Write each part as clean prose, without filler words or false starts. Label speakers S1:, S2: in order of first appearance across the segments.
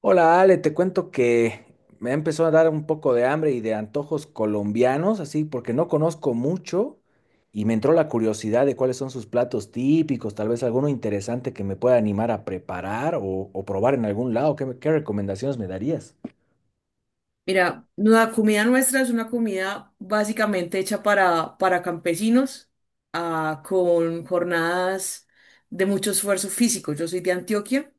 S1: Hola Ale, te cuento que me empezó a dar un poco de hambre y de antojos colombianos, así porque no conozco mucho y me entró la curiosidad de cuáles son sus platos típicos, tal vez alguno interesante que me pueda animar a preparar o probar en algún lado. ¿ qué recomendaciones me darías?
S2: Mira, la comida nuestra es una comida básicamente hecha para campesinos, con jornadas de mucho esfuerzo físico. Yo soy de Antioquia,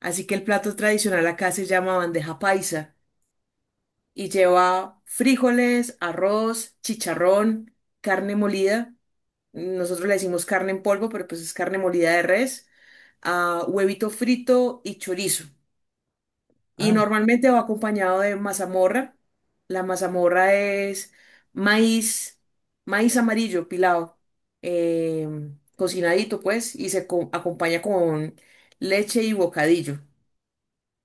S2: así que el plato tradicional acá se llama bandeja paisa y lleva frijoles, arroz, chicharrón, carne molida. Nosotros le decimos carne en polvo, pero pues es carne molida de res, huevito frito y chorizo. Y
S1: Ah,
S2: normalmente va acompañado de mazamorra. La mazamorra es maíz, maíz amarillo pilado, eh, cocinadito pues, y acompaña con leche y bocadillo.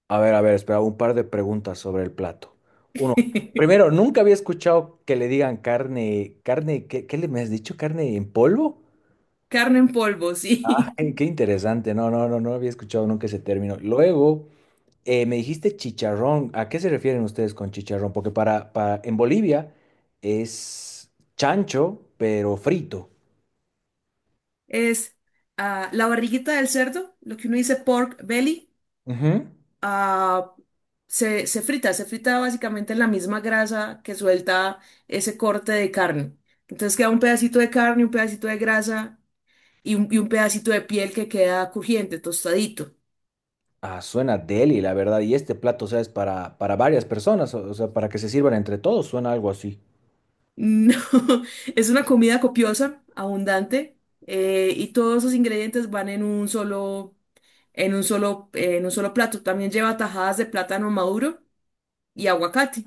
S1: a ver, espera, un par de preguntas sobre el plato. Uno, primero, nunca había escuchado que le digan carne, ¿qué le me has dicho? ¿Carne en polvo?
S2: Carne en polvo, sí.
S1: Ay, qué interesante, no, no, no, no había escuchado nunca ese término. Luego… me dijiste chicharrón. ¿A qué se refieren ustedes con chicharrón? Porque para en Bolivia es chancho, pero frito.
S2: Es la barriguita del cerdo, lo que uno dice pork belly,
S1: Ujú.
S2: ah, se frita, se frita básicamente en la misma grasa que suelta ese corte de carne. Entonces queda un pedacito de carne, un pedacito de grasa y un pedacito de piel que queda crujiente, tostadito.
S1: Ah, suena deli, la verdad. Y este plato, o sea, es para varias personas, o sea, para que se sirvan entre todos, suena algo así.
S2: No, es una comida copiosa, abundante, y todos esos ingredientes van en en un solo plato. También lleva tajadas de plátano maduro y aguacate.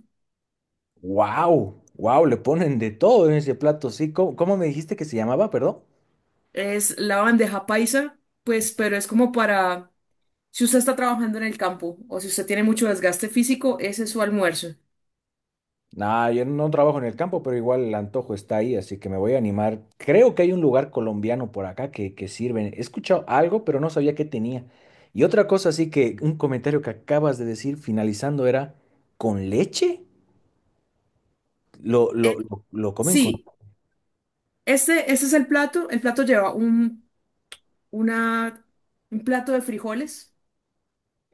S1: ¡Wow! ¡Wow! Le ponen de todo en ese plato, sí. ¿Cómo, cómo me dijiste que se llamaba, perdón?
S2: Es la bandeja paisa, pues, pero es como para si usted está trabajando en el campo o si usted tiene mucho desgaste físico, ese es su almuerzo.
S1: Nah, yo no trabajo en el campo, pero igual el antojo está ahí, así que me voy a animar. Creo que hay un lugar colombiano por acá que sirven. He escuchado algo, pero no sabía qué tenía. Y otra cosa, así que un comentario que acabas de decir finalizando era, ¿con leche? ¿Lo,
S2: Eh,
S1: lo, lo, lo comen con…?
S2: sí, este es el plato. El plato lleva una, un plato de frijoles.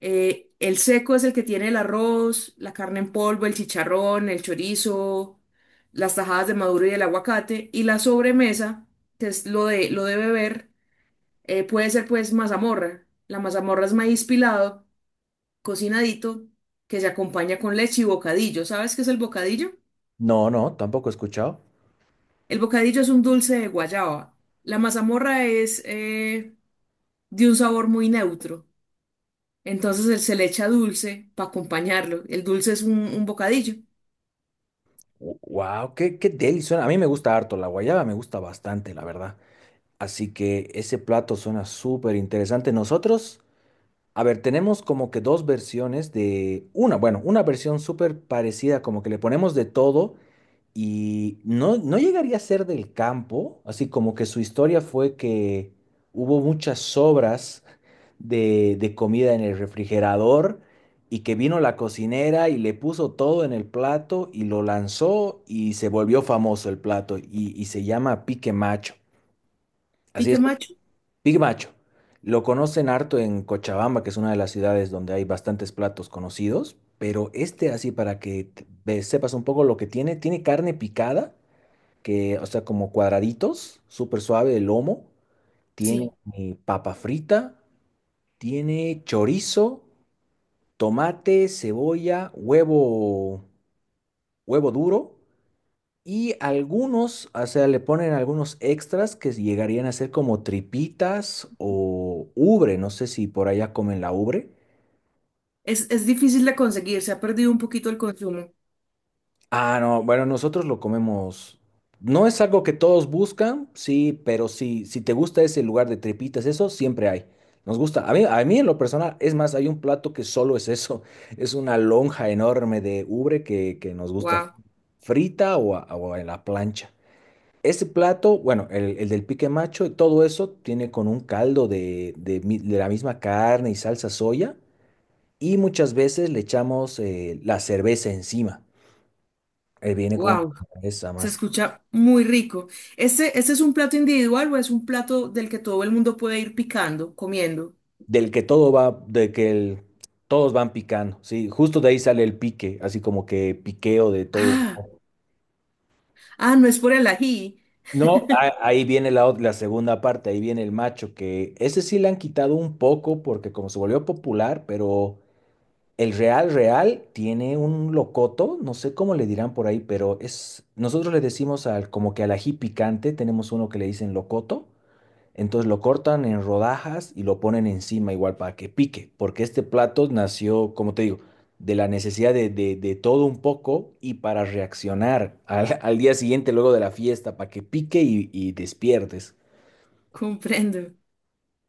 S2: El seco es el que tiene el arroz, la carne en polvo, el chicharrón, el chorizo, las tajadas de maduro y el aguacate. Y la sobremesa, que es lo de beber, puede ser pues mazamorra. La mazamorra es maíz pilado, cocinadito, que se acompaña con leche y bocadillo. ¿Sabes qué es el bocadillo?
S1: No, no, tampoco he escuchado.
S2: El bocadillo es un dulce de guayaba. La mazamorra es de un sabor muy neutro. Entonces él se le echa dulce para acompañarlo. El dulce es un bocadillo.
S1: Wow, qué, qué deli suena. A mí me gusta harto, la guayaba me gusta bastante, la verdad. Así que ese plato suena súper interesante. Nosotros… A ver, tenemos como que dos versiones de una, bueno, una versión súper parecida, como que le ponemos de todo y no, no llegaría a ser del campo, así como que su historia fue que hubo muchas sobras de comida en el refrigerador y que vino la cocinera y le puso todo en el plato y lo lanzó y se volvió famoso el plato y se llama Pique Macho. Así
S2: Pique
S1: es
S2: macho,
S1: Big Macho. Lo conocen harto en Cochabamba, que es una de las ciudades donde hay bastantes platos conocidos, pero este así para que sepas un poco lo que tiene, tiene carne picada, que, o sea, como cuadraditos, súper suave el lomo, tiene
S2: sí.
S1: papa frita, tiene chorizo, tomate, cebolla, huevo, huevo duro y algunos, o sea, le ponen algunos extras que llegarían a ser como tripitas o ubre. No sé si por allá comen la ubre.
S2: Es difícil de conseguir, se ha perdido un poquito el consumo.
S1: Ah, no, bueno, nosotros lo comemos. No es algo que todos buscan, sí, pero sí, si te gusta ese lugar de tripitas, eso siempre hay. Nos gusta. A mí en lo personal, es más, hay un plato que solo es eso. Es una lonja enorme de ubre que nos gusta
S2: Wow,
S1: frita o en la plancha. Ese plato, bueno, el del pique macho, todo eso tiene con un caldo de de la misma carne y salsa soya y muchas veces le echamos la cerveza encima. Viene con una
S2: wow.
S1: cerveza
S2: Se
S1: más,
S2: escucha muy rico. Este es un plato individual o es un plato del que todo el mundo puede ir picando, comiendo?
S1: del que todo va, todos van picando, ¿sí? Justo de ahí sale el pique, así como que piqueo de todo.
S2: Ah, ah, no es por el ají.
S1: No, ahí viene la segunda parte, ahí viene el macho, que ese sí le han quitado un poco porque como se volvió popular, pero… El Real Real tiene un locoto, no sé cómo le dirán por ahí, pero es, nosotros le decimos al, como que al ají picante, tenemos uno que le dicen locoto, entonces lo cortan en rodajas y lo ponen encima igual para que pique, porque este plato nació, como te digo, de la necesidad de todo un poco y para reaccionar al, al día siguiente luego de la fiesta, para que pique y despiertes.
S2: Comprendo.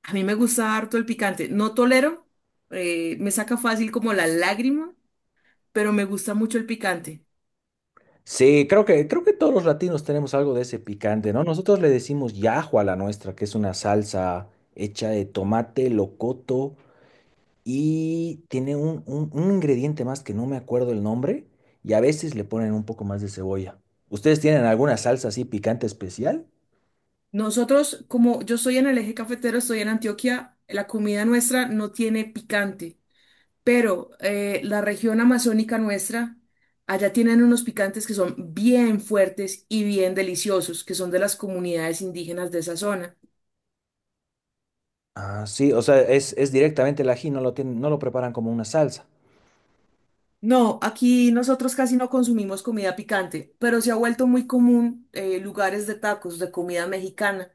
S2: A mí me gusta harto el picante. No tolero, me saca fácil como la lágrima, pero me gusta mucho el picante.
S1: Sí, creo que todos los latinos tenemos algo de ese picante, ¿no? Nosotros le decimos yajo a la nuestra, que es una salsa hecha de tomate, locoto y tiene un ingrediente más que no me acuerdo el nombre y a veces le ponen un poco más de cebolla. ¿Ustedes tienen alguna salsa así picante especial?
S2: Nosotros, como yo soy en el eje cafetero, estoy en Antioquia, la comida nuestra no tiene picante. Pero la región amazónica nuestra, allá tienen unos picantes que son bien fuertes y bien deliciosos, que son de las comunidades indígenas de esa zona.
S1: Ah, sí, o sea, es directamente el ají, no lo tienen, no lo preparan como una salsa.
S2: No, aquí nosotros casi no consumimos comida picante, pero se ha vuelto muy común lugares de tacos, de comida mexicana.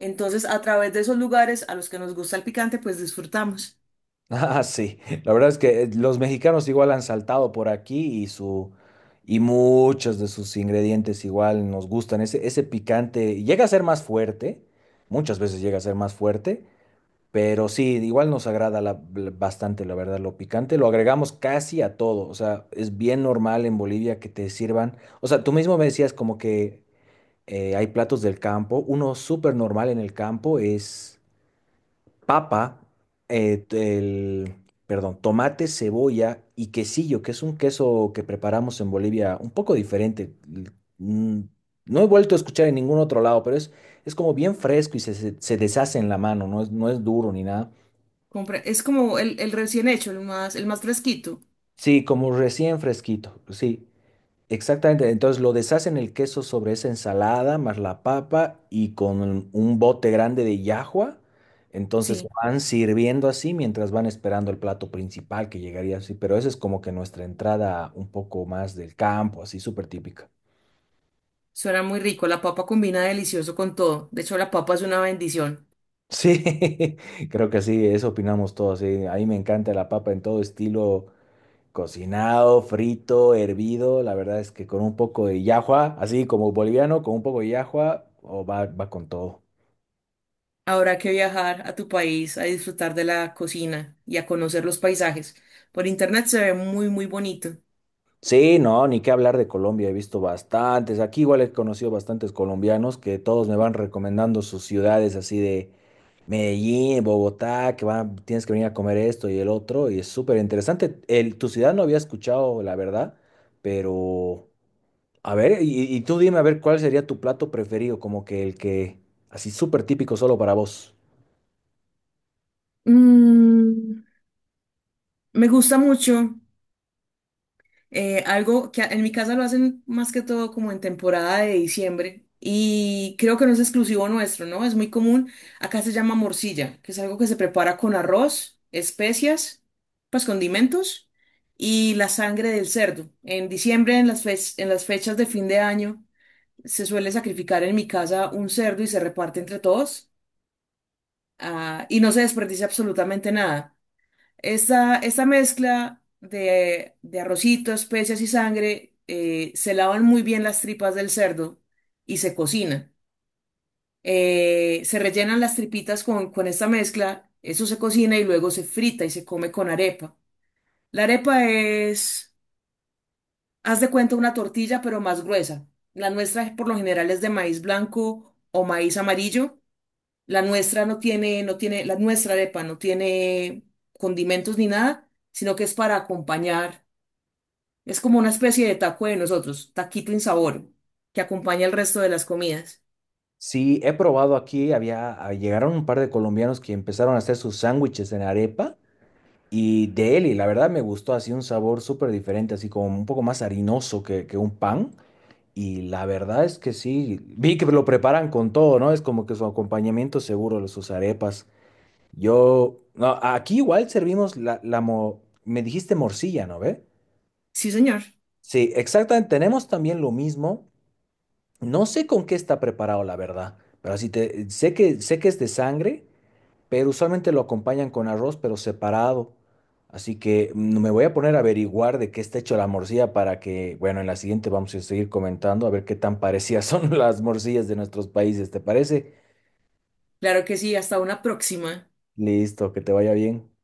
S2: Entonces, a través de esos lugares a los que nos gusta el picante, pues disfrutamos.
S1: Ah, sí. La verdad es que los mexicanos igual han saltado por aquí y su y muchos de sus ingredientes igual nos gustan. Ese picante llega a ser más fuerte, muchas veces llega a ser más fuerte, pero sí, igual nos agrada bastante, la verdad, lo picante. Lo agregamos casi a todo. O sea, es bien normal en Bolivia que te sirvan. O sea, tú mismo me decías como que hay platos del campo. Uno súper normal en el campo es papa, eh, t- el, perdón, tomate, cebolla y quesillo, que es un queso que preparamos en Bolivia un poco diferente. Mm, No he vuelto a escuchar en ningún otro lado, pero es como bien fresco y se deshace en la mano, no es, no es duro ni nada.
S2: Es como el recién hecho, el más fresquito.
S1: Sí, como recién fresquito, sí. Exactamente, entonces lo deshacen el queso sobre esa ensalada, más la papa y con un bote grande de llajua. Entonces se
S2: Sí,
S1: van sirviendo así mientras van esperando el plato principal que llegaría así, pero esa es como que nuestra entrada un poco más del campo, así súper típica.
S2: suena muy rico. La papa combina delicioso con todo. De hecho, la papa es una bendición.
S1: Sí, creo que sí, eso opinamos todos, sí. A mí me encanta la papa en todo estilo, cocinado, frito, hervido. La verdad es que con un poco de llajua, así como boliviano, con un poco de llajua, o va, va con todo.
S2: Habrá que viajar a tu país a disfrutar de la cocina y a conocer los paisajes. Por internet se ve muy bonito.
S1: Sí, no, ni qué hablar de Colombia, he visto bastantes. Aquí igual he conocido bastantes colombianos que todos me van recomendando sus ciudades así de Medellín, Bogotá, que van, tienes que venir a comer esto y el otro, y es súper interesante. El, tu ciudad no había escuchado, la verdad, pero a ver, y tú dime a ver cuál sería tu plato preferido, como que el que así súper típico solo para vos.
S2: Mm, me gusta mucho algo que en mi casa lo hacen más que todo como en temporada de diciembre y creo que no es exclusivo nuestro, ¿no? Es muy común. Acá se llama morcilla, que es algo que se prepara con arroz, especias, pues condimentos y la sangre del cerdo. En diciembre, en en las fechas de fin de año se suele sacrificar en mi casa un cerdo y se reparte entre todos, y no se desperdicia absolutamente nada. Esta mezcla de arrocito, especias y sangre, se lavan muy bien las tripas del cerdo y se cocina. Se rellenan las tripitas con esta mezcla, eso se cocina y luego se frita y se come con arepa. La arepa es, haz de cuenta, una tortilla pero más gruesa. La nuestra por lo general es de maíz blanco o maíz amarillo. La nuestra no tiene, la nuestra arepa no tiene condimentos ni nada, sino que es para acompañar. Es como una especie de taco de nosotros, taquito insaboro, que acompaña el resto de las comidas.
S1: Sí, he probado aquí, había, ah, llegaron un par de colombianos que empezaron a hacer sus sándwiches en arepa. Y de él, y la verdad me gustó así un sabor súper diferente, así como un poco más harinoso que un pan. Y la verdad es que sí, vi que lo preparan con todo, ¿no? Es como que su acompañamiento seguro, los sus arepas. Yo, no, aquí igual servimos me dijiste morcilla, ¿no ve?
S2: Sí, señor.
S1: Sí, exactamente, tenemos también lo mismo. No sé con qué está preparado, la verdad, pero así te, sé que es de sangre pero usualmente lo acompañan con arroz, pero separado. Así que mm, me voy a poner a averiguar de qué está hecho la morcilla para que, bueno, en la siguiente vamos a seguir comentando a ver qué tan parecidas son las morcillas de nuestros países, ¿te parece?
S2: Claro que sí, hasta una próxima.
S1: Listo, que te vaya bien.